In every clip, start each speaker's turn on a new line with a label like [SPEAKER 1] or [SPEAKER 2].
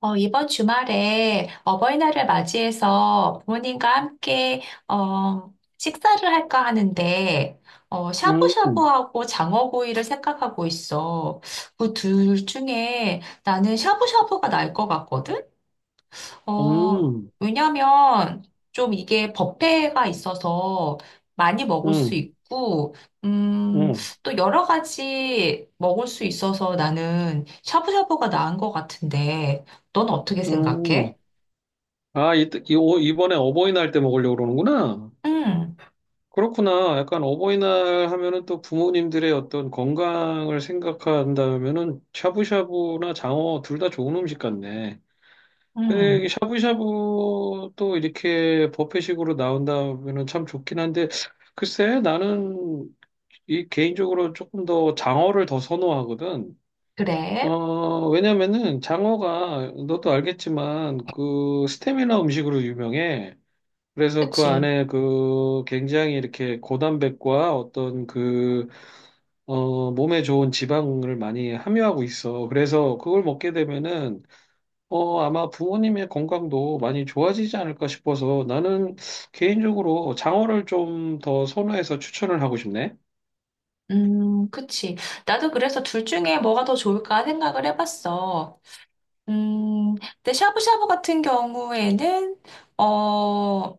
[SPEAKER 1] 이번 주말에 어버이날을 맞이해서 부모님과 함께 어, 식사를 할까 하는데
[SPEAKER 2] 음, 음,
[SPEAKER 1] 샤브샤브하고 장어구이를 생각하고 있어. 그 둘 중에 나는 샤브샤브가 나을 것 같거든?
[SPEAKER 2] 음,
[SPEAKER 1] 왜냐면 좀 이게 법회가 있어서 많이 먹을 수
[SPEAKER 2] 음,
[SPEAKER 1] 있고, 음,
[SPEAKER 2] 음.
[SPEAKER 1] 또 여러 가지 먹을 수 있어서 나는 샤브샤브가 나은 것 같은데, 넌 어떻게
[SPEAKER 2] 음.
[SPEAKER 1] 생각해?
[SPEAKER 2] 아, 이번에 어버이날 때 먹으려고 그러는구나.
[SPEAKER 1] 응,
[SPEAKER 2] 그렇구나. 약간 어버이날 하면은 또 부모님들의 어떤 건강을 생각한다면은 샤브샤브나 장어 둘 다 좋은 음식 같네. 근데
[SPEAKER 1] 응,
[SPEAKER 2] 이게 샤브샤브도 이렇게 버페식으로 나온다면은 참 좋긴 한데, 글쎄, 나는 이 개인적으로 조금 더 장어를 더 선호하거든.
[SPEAKER 1] 그래.
[SPEAKER 2] 어, 왜냐면은 장어가 너도 알겠지만 그 스테미나 음식으로 유명해. 그래서 그
[SPEAKER 1] 그치.
[SPEAKER 2] 안에 그 굉장히 이렇게 고단백과 어떤 그, 어, 몸에 좋은 지방을 많이 함유하고 있어. 그래서 그걸 먹게 되면은, 어, 아마 부모님의 건강도 많이 좋아지지 않을까 싶어서 나는 개인적으로 장어를 좀 더 선호해서 추천을 하고 싶네.
[SPEAKER 1] 그치. 나도 그래서 둘 중에 뭐가 더 좋을까 생각을 해봤어. 음, 근데 샤브샤브 같은 경우에는, 어,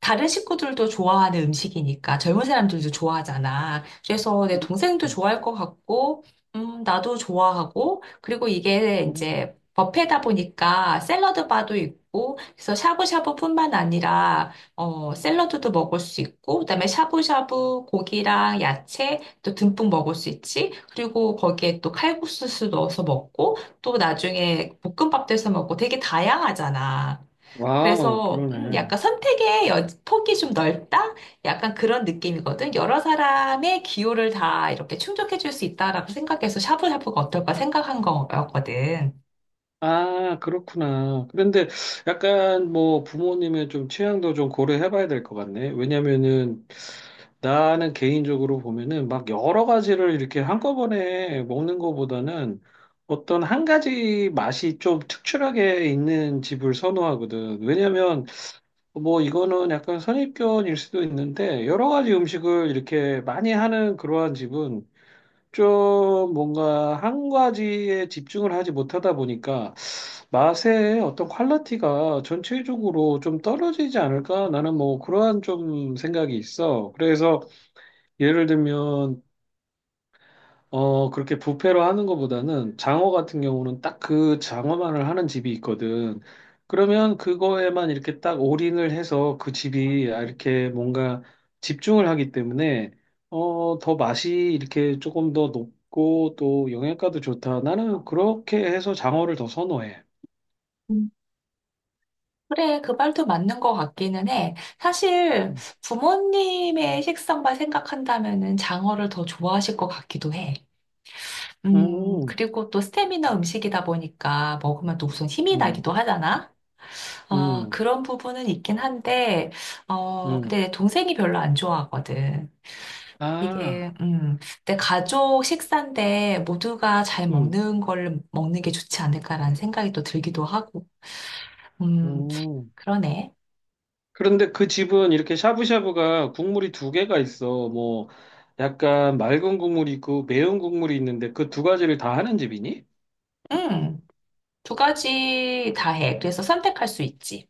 [SPEAKER 1] 다른 식구들도 좋아하는 음식이니까 젊은 사람들도 좋아하잖아. 그래서 내
[SPEAKER 2] 음,
[SPEAKER 1] 동생도 좋아할 것 같고, 나도 좋아하고, 그리고 이게
[SPEAKER 2] 우
[SPEAKER 1] 이제 뷔페다 보니까 샐러드 바도 있고, 그래서 샤브샤브뿐만 아니라, 샐러드도 먹을 수 있고, 그다음에 샤브샤브 고기랑 야채 또 듬뿍 먹을 수 있지. 그리고 거기에 또 칼국수도 넣어서 먹고, 또 나중에 볶음밥도 해서 먹고 되게 다양하잖아.
[SPEAKER 2] 와,
[SPEAKER 1] 그래서
[SPEAKER 2] 그러네.
[SPEAKER 1] 약간 폭이 좀 넓다? 약간 그런 느낌이거든. 여러 사람의 기호를 다 이렇게 충족해 줄 수 있다라고 생각해서 샤브샤브가 어떨까 생각한 거였거든.
[SPEAKER 2] 아, 그렇구나. 그런데 약간 뭐 부모님의 좀 취향도 좀 고려해 봐야 될 것 같네. 왜냐면은 나는 개인적으로 보면은 막 여러 가지를 이렇게 한꺼번에 먹는 것보다는 어떤 한 가지 맛이 좀 특출하게 있는 집을 선호하거든. 왜냐면 뭐 이거는 약간 선입견일 수도 있는데 여러 가지 음식을 이렇게 많이 하는 그러한 집은 좀 뭔가 한 가지에 집중을 하지 못하다 보니까 맛의 어떤 퀄리티가 전체적으로 좀 떨어지지 않을까? 나는 뭐 그러한 좀 생각이 있어. 그래서 예를 들면 어, 그렇게 부페로 하는 것보다는 장어 같은 경우는 딱 그 장어만을 하는 집이 있거든. 그러면 그거에만 이렇게 딱 올인을 해서 그 집이 이렇게 뭔가 집중을 하기 때문에 어, 더 맛이 이렇게 조금 더 높고 또 영양가도 좋다. 나는 그렇게 해서 장어를 더 선호해.
[SPEAKER 1] 음. 그래, 그 말도 맞는 것 같기는 해. 사실 부모님의 식성만 생각한다면은 장어를 더 좋아하실 것 같기도 해.
[SPEAKER 2] 음,
[SPEAKER 1] 그리고 또 스테미너 음식이다 보니까 먹으면 또 우선 힘이
[SPEAKER 2] 음,
[SPEAKER 1] 나기도 하잖아. 아,
[SPEAKER 2] 음,
[SPEAKER 1] 그런 부분은 있긴 한데,
[SPEAKER 2] 음.
[SPEAKER 1] 근데 내 동생이 별로 안 좋아하거든. 이게,
[SPEAKER 2] 아,
[SPEAKER 1] 내 가족 식사인데 모두가 잘
[SPEAKER 2] 음,
[SPEAKER 1] 먹는 걸 먹는 게 좋지 않을까라는 생각이 또 들기도 하고, 음,
[SPEAKER 2] 음.
[SPEAKER 1] 그러네.
[SPEAKER 2] 그런데 그 집은 이렇게 샤브샤브가 국물이 두 개가 있어. 뭐 약간 맑은 국물이 있고 매운 국물이 있는데 그 두 가지를 다 하는 집이니?
[SPEAKER 1] 음, 두 가지 다 해. 그래서 선택할 수 있지.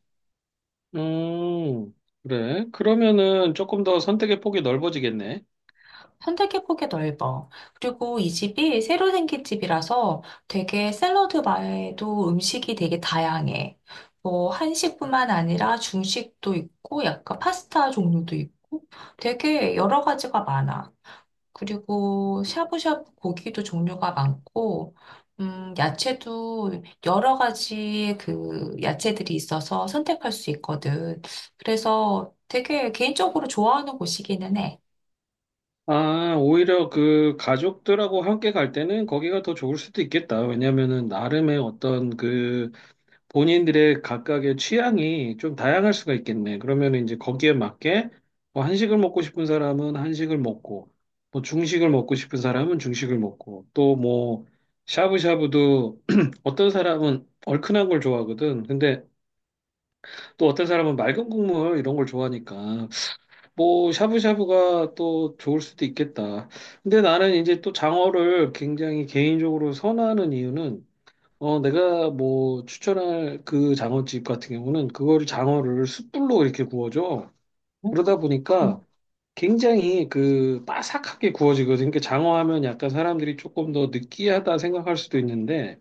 [SPEAKER 2] 음, 그래. 그러면은 조금 더 선택의 폭이 넓어지겠네.
[SPEAKER 1] 선택의 폭이 넓어. 그리고 이 집이 새로 생긴 집이라서 되게 샐러드 바에도 음식이 되게 다양해. 뭐 한식뿐만 아니라 중식도 있고 약간 파스타 종류도 있고 되게 여러 가지가 많아. 그리고 샤브샤브 고기도 종류가 많고 야채도 여러 가지 그 야채들이 있어서 선택할 수 있거든. 그래서 되게 개인적으로 좋아하는 곳이기는 해.
[SPEAKER 2] 아, 오히려 그 가족들하고 함께 갈 때는 거기가 더 좋을 수도 있겠다. 왜냐면은 나름의 어떤 그 본인들의 각각의 취향이 좀 다양할 수가 있겠네. 그러면 이제 거기에 맞게 뭐 한식을 먹고 싶은 사람은 한식을 먹고, 뭐 중식을 먹고 싶은 사람은 중식을 먹고, 또 뭐 샤브샤브도 어떤 사람은 얼큰한 걸 좋아하거든. 근데 또 어떤 사람은 맑은 국물 이런 걸 좋아하니까 뭐 샤브샤브가 또 좋을 수도 있겠다. 근데 나는 이제 또 장어를 굉장히 개인적으로 선호하는 이유는 어, 내가 뭐 추천할 그 장어집 같은 경우는 그거를 장어를 숯불로 이렇게 구워줘. 그러다 보니까
[SPEAKER 1] 음.
[SPEAKER 2] 굉장히 그 바삭하게 구워지거든. 그러니까 장어 하면 약간 사람들이 조금 더 느끼하다 생각할 수도 있는데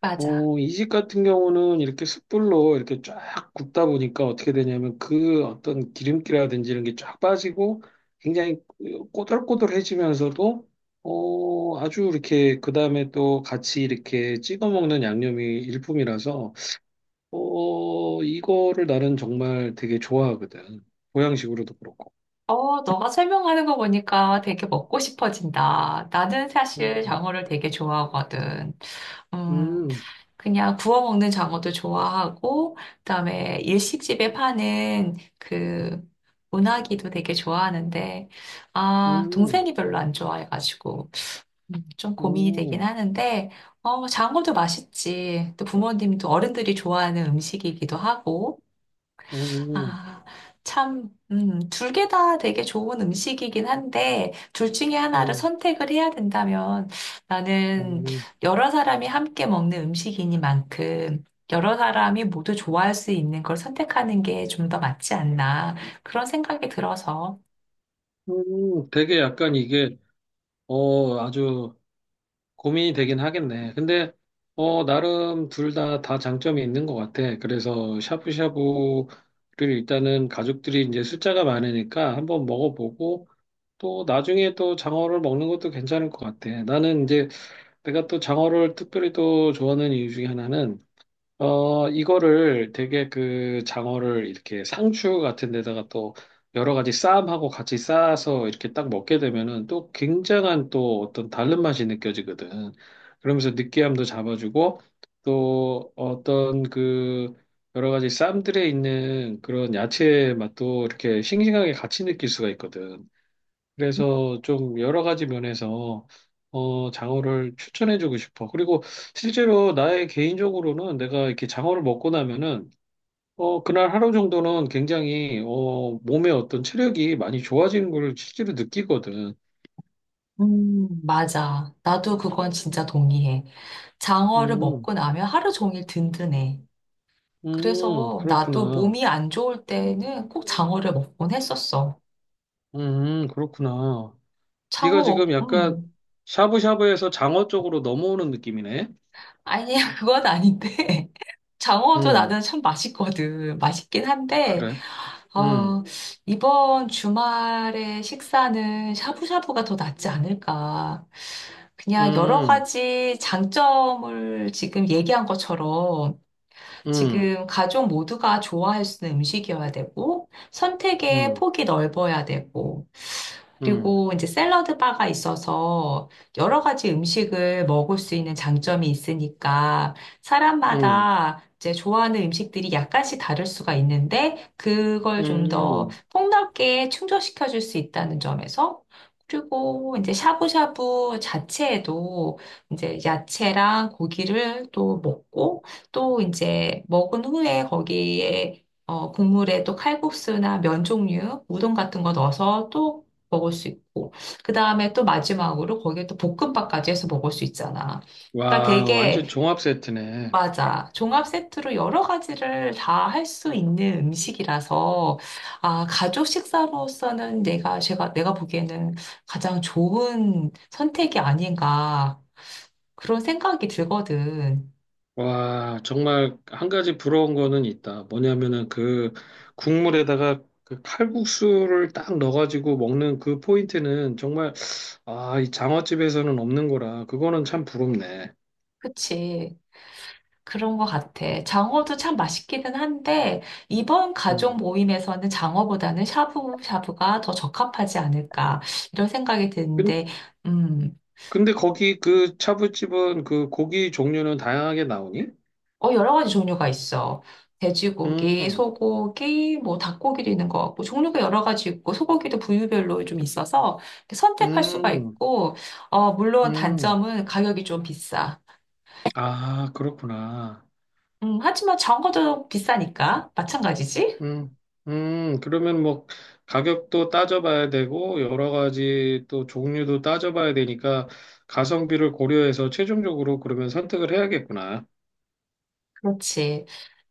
[SPEAKER 1] 맞아.
[SPEAKER 2] 어, 이식 같은 경우는 이렇게 숯불로 이렇게 쫙 굽다 보니까 어떻게 되냐면 그 어떤 기름기라든지 이런 게 쫙 빠지고 굉장히 꼬들꼬들해지면서도 어, 아주 이렇게 그 다음에 또 같이 이렇게 찍어 먹는 양념이 일품이라서 어, 이거를 나는 정말 되게 좋아하거든. 보양식으로도 그렇고.
[SPEAKER 1] 너가 설명하는 거 보니까 되게 먹고 싶어진다. 나는 사실
[SPEAKER 2] 음,
[SPEAKER 1] 장어를 되게 좋아하거든. 음,
[SPEAKER 2] 음,
[SPEAKER 1] 그냥 구워 먹는 장어도 좋아하고, 그다음에 일식집에 파는 그 운하기도 되게 좋아하는데, 아,
[SPEAKER 2] 음,
[SPEAKER 1] 동생이 별로 안 좋아해가지고, 좀 고민이 되긴
[SPEAKER 2] 음,
[SPEAKER 1] 하는데, 장어도 맛있지. 또 부모님도 어른들이 좋아하는 음식이기도 하고,
[SPEAKER 2] 음, 음,
[SPEAKER 1] 아, 참, 둘 개 다 되게 좋은 음식이긴 한데, 둘 중에 하나를
[SPEAKER 2] 음,
[SPEAKER 1] 선택을 해야 된다면, 나는
[SPEAKER 2] 음.
[SPEAKER 1] 여러 사람이 함께 먹는 음식이니만큼, 여러 사람이 모두 좋아할 수 있는 걸 선택하는 게 좀 더 맞지 않나, 그런 생각이 들어서.
[SPEAKER 2] 음. 되게 약간 이게 어, 아주 고민이 되긴 하겠네. 근데, 어, 나름 둘 다 장점이 있는 것 같아. 그래서 샤브샤브를 일단은 가족들이 이제 숫자가 많으니까 한번 먹어보고 또 나중에 또 장어를 먹는 것도 괜찮을 것 같아. 나는 이제 내가 또 장어를 특별히 또 좋아하는 이유 중에 하나는 어, 이거를 되게 그 장어를 이렇게 상추 같은 데다가 또 여러 가지 쌈하고 같이 싸서 이렇게 딱 먹게 되면은 또 굉장한 또 어떤 다른 맛이 느껴지거든. 그러면서 느끼함도 잡아주고 또 어떤 그 여러 가지 쌈들에 있는 그런 야채 맛도 이렇게 싱싱하게 같이 느낄 수가 있거든. 그래서 좀 여러 가지 면에서 어, 장어를 추천해주고 싶어. 그리고 실제로 나의 개인적으로는 내가 이렇게 장어를 먹고 나면은 어, 그날 하루 정도는 굉장히 어, 몸의 어떤 체력이 많이 좋아지는 걸 실제로 느끼거든.
[SPEAKER 1] 맞아. 나도 그건 진짜 동의해. 장어를
[SPEAKER 2] 음,
[SPEAKER 1] 먹고 나면 하루 종일 든든해. 그래서 나도
[SPEAKER 2] 그렇구나.
[SPEAKER 1] 몸이 안 좋을 때는 꼭 장어를 먹곤 했었어.
[SPEAKER 2] 그렇구나. 네가
[SPEAKER 1] 창어로,
[SPEAKER 2] 지금 약간 샤브샤브에서 장어 쪽으로 넘어오는 느낌이네.
[SPEAKER 1] 아니야, 그건 아닌데. 장어도
[SPEAKER 2] 음,
[SPEAKER 1] 나는 참 맛있거든. 맛있긴 한데,
[SPEAKER 2] 그래. 음,
[SPEAKER 1] 어, 이번 주말에 식사는 샤브샤브가 더 낫지 않을까. 그냥 여러
[SPEAKER 2] 음,
[SPEAKER 1] 가지 장점을 지금 얘기한 것처럼
[SPEAKER 2] 음,
[SPEAKER 1] 지금 가족 모두가 좋아할 수 있는 음식이어야 되고, 선택의
[SPEAKER 2] 음,
[SPEAKER 1] 폭이 넓어야 되고,
[SPEAKER 2] 음,
[SPEAKER 1] 그리고 이제 샐러드 바가 있어서 여러 가지 음식을 먹을 수 있는 장점이 있으니까
[SPEAKER 2] 음.
[SPEAKER 1] 사람마다 이제 좋아하는 음식들이 약간씩 다를 수가 있는데 그걸 좀 더
[SPEAKER 2] 음,
[SPEAKER 1] 폭넓게 충족시켜 줄 수 있다는 점에서 그리고 이제 샤브샤브 자체에도 이제 야채랑 고기를 또 먹고 또 이제 먹은 후에 거기에 국물에 또 칼국수나 면 종류, 우동 같은 거 넣어서 또 먹을 수 있고, 그 다음에 또 마지막으로 거기에 또 볶음밥까지 해서 먹을 수 있잖아. 그러니까
[SPEAKER 2] 와, 완전
[SPEAKER 1] 되게,
[SPEAKER 2] 종합 세트네.
[SPEAKER 1] 맞아. 종합 세트로 여러 가지를 다 할 수 있는 음식이라서, 아, 가족 식사로서는 내가 보기에는 가장 좋은 선택이 아닌가, 그런 생각이 들거든.
[SPEAKER 2] 와, 정말 한 가지 부러운 거는 있다. 뭐냐면은 그 국물에다가 그 칼국수를 딱 넣어가지고 먹는 그 포인트는 정말, 아, 이 장어집에서는 없는 거라. 그거는 참 부럽네.
[SPEAKER 1] 그치. 그런 것 같아. 장어도 참 맛있기는 한데, 이번 가족
[SPEAKER 2] 음.
[SPEAKER 1] 모임에서는 장어보다는 샤브샤브가 더 적합하지 않을까, 이런 생각이
[SPEAKER 2] 근-
[SPEAKER 1] 드는데, 음,
[SPEAKER 2] 근데 거기 그 차부집은 그 고기 종류는 다양하게 나오니?
[SPEAKER 1] 여러 가지 종류가 있어. 돼지고기,
[SPEAKER 2] 음,
[SPEAKER 1] 소고기, 뭐 닭고기도 있는 것 같고, 종류가 여러 가지 있고, 소고기도 부위별로 좀 있어서 선택할 수가
[SPEAKER 2] 음,
[SPEAKER 1] 있고, 물론
[SPEAKER 2] 음.
[SPEAKER 1] 단점은 가격이 좀 비싸.
[SPEAKER 2] 아, 그렇구나.
[SPEAKER 1] 하지만 장어도 비싸니까, 마찬가지지?
[SPEAKER 2] 음, 그러면 뭐 가격도 따져봐야 되고 여러 가지 또 종류도 따져봐야 되니까 가성비를 고려해서 최종적으로 그러면 선택을 해야겠구나.
[SPEAKER 1] 그렇지.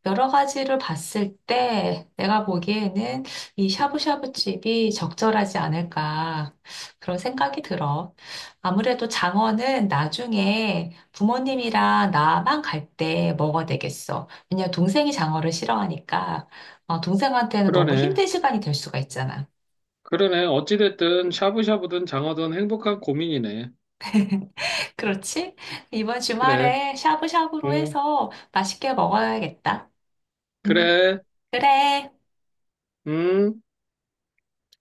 [SPEAKER 1] 여러 가지를 봤을 때 내가 보기에는 이 샤브샤브 집이 적절하지 않을까 그런 생각이 들어. 아무래도 장어는 나중에 부모님이랑 나만 갈 때 먹어야 되겠어. 왜냐면 동생이 장어를 싫어하니까 동생한테는 너무
[SPEAKER 2] 그러네.
[SPEAKER 1] 힘든 시간이 될 수가 있잖아.
[SPEAKER 2] 그러네. 어찌됐든 샤브샤브든 장어든 행복한 고민이네.
[SPEAKER 1] 그렇지? 이번
[SPEAKER 2] 그래.
[SPEAKER 1] 주말에 샤브샤브로
[SPEAKER 2] 음,
[SPEAKER 1] 해서 맛있게 먹어야겠다. 음,
[SPEAKER 2] 그래.
[SPEAKER 1] 그래.
[SPEAKER 2] 음.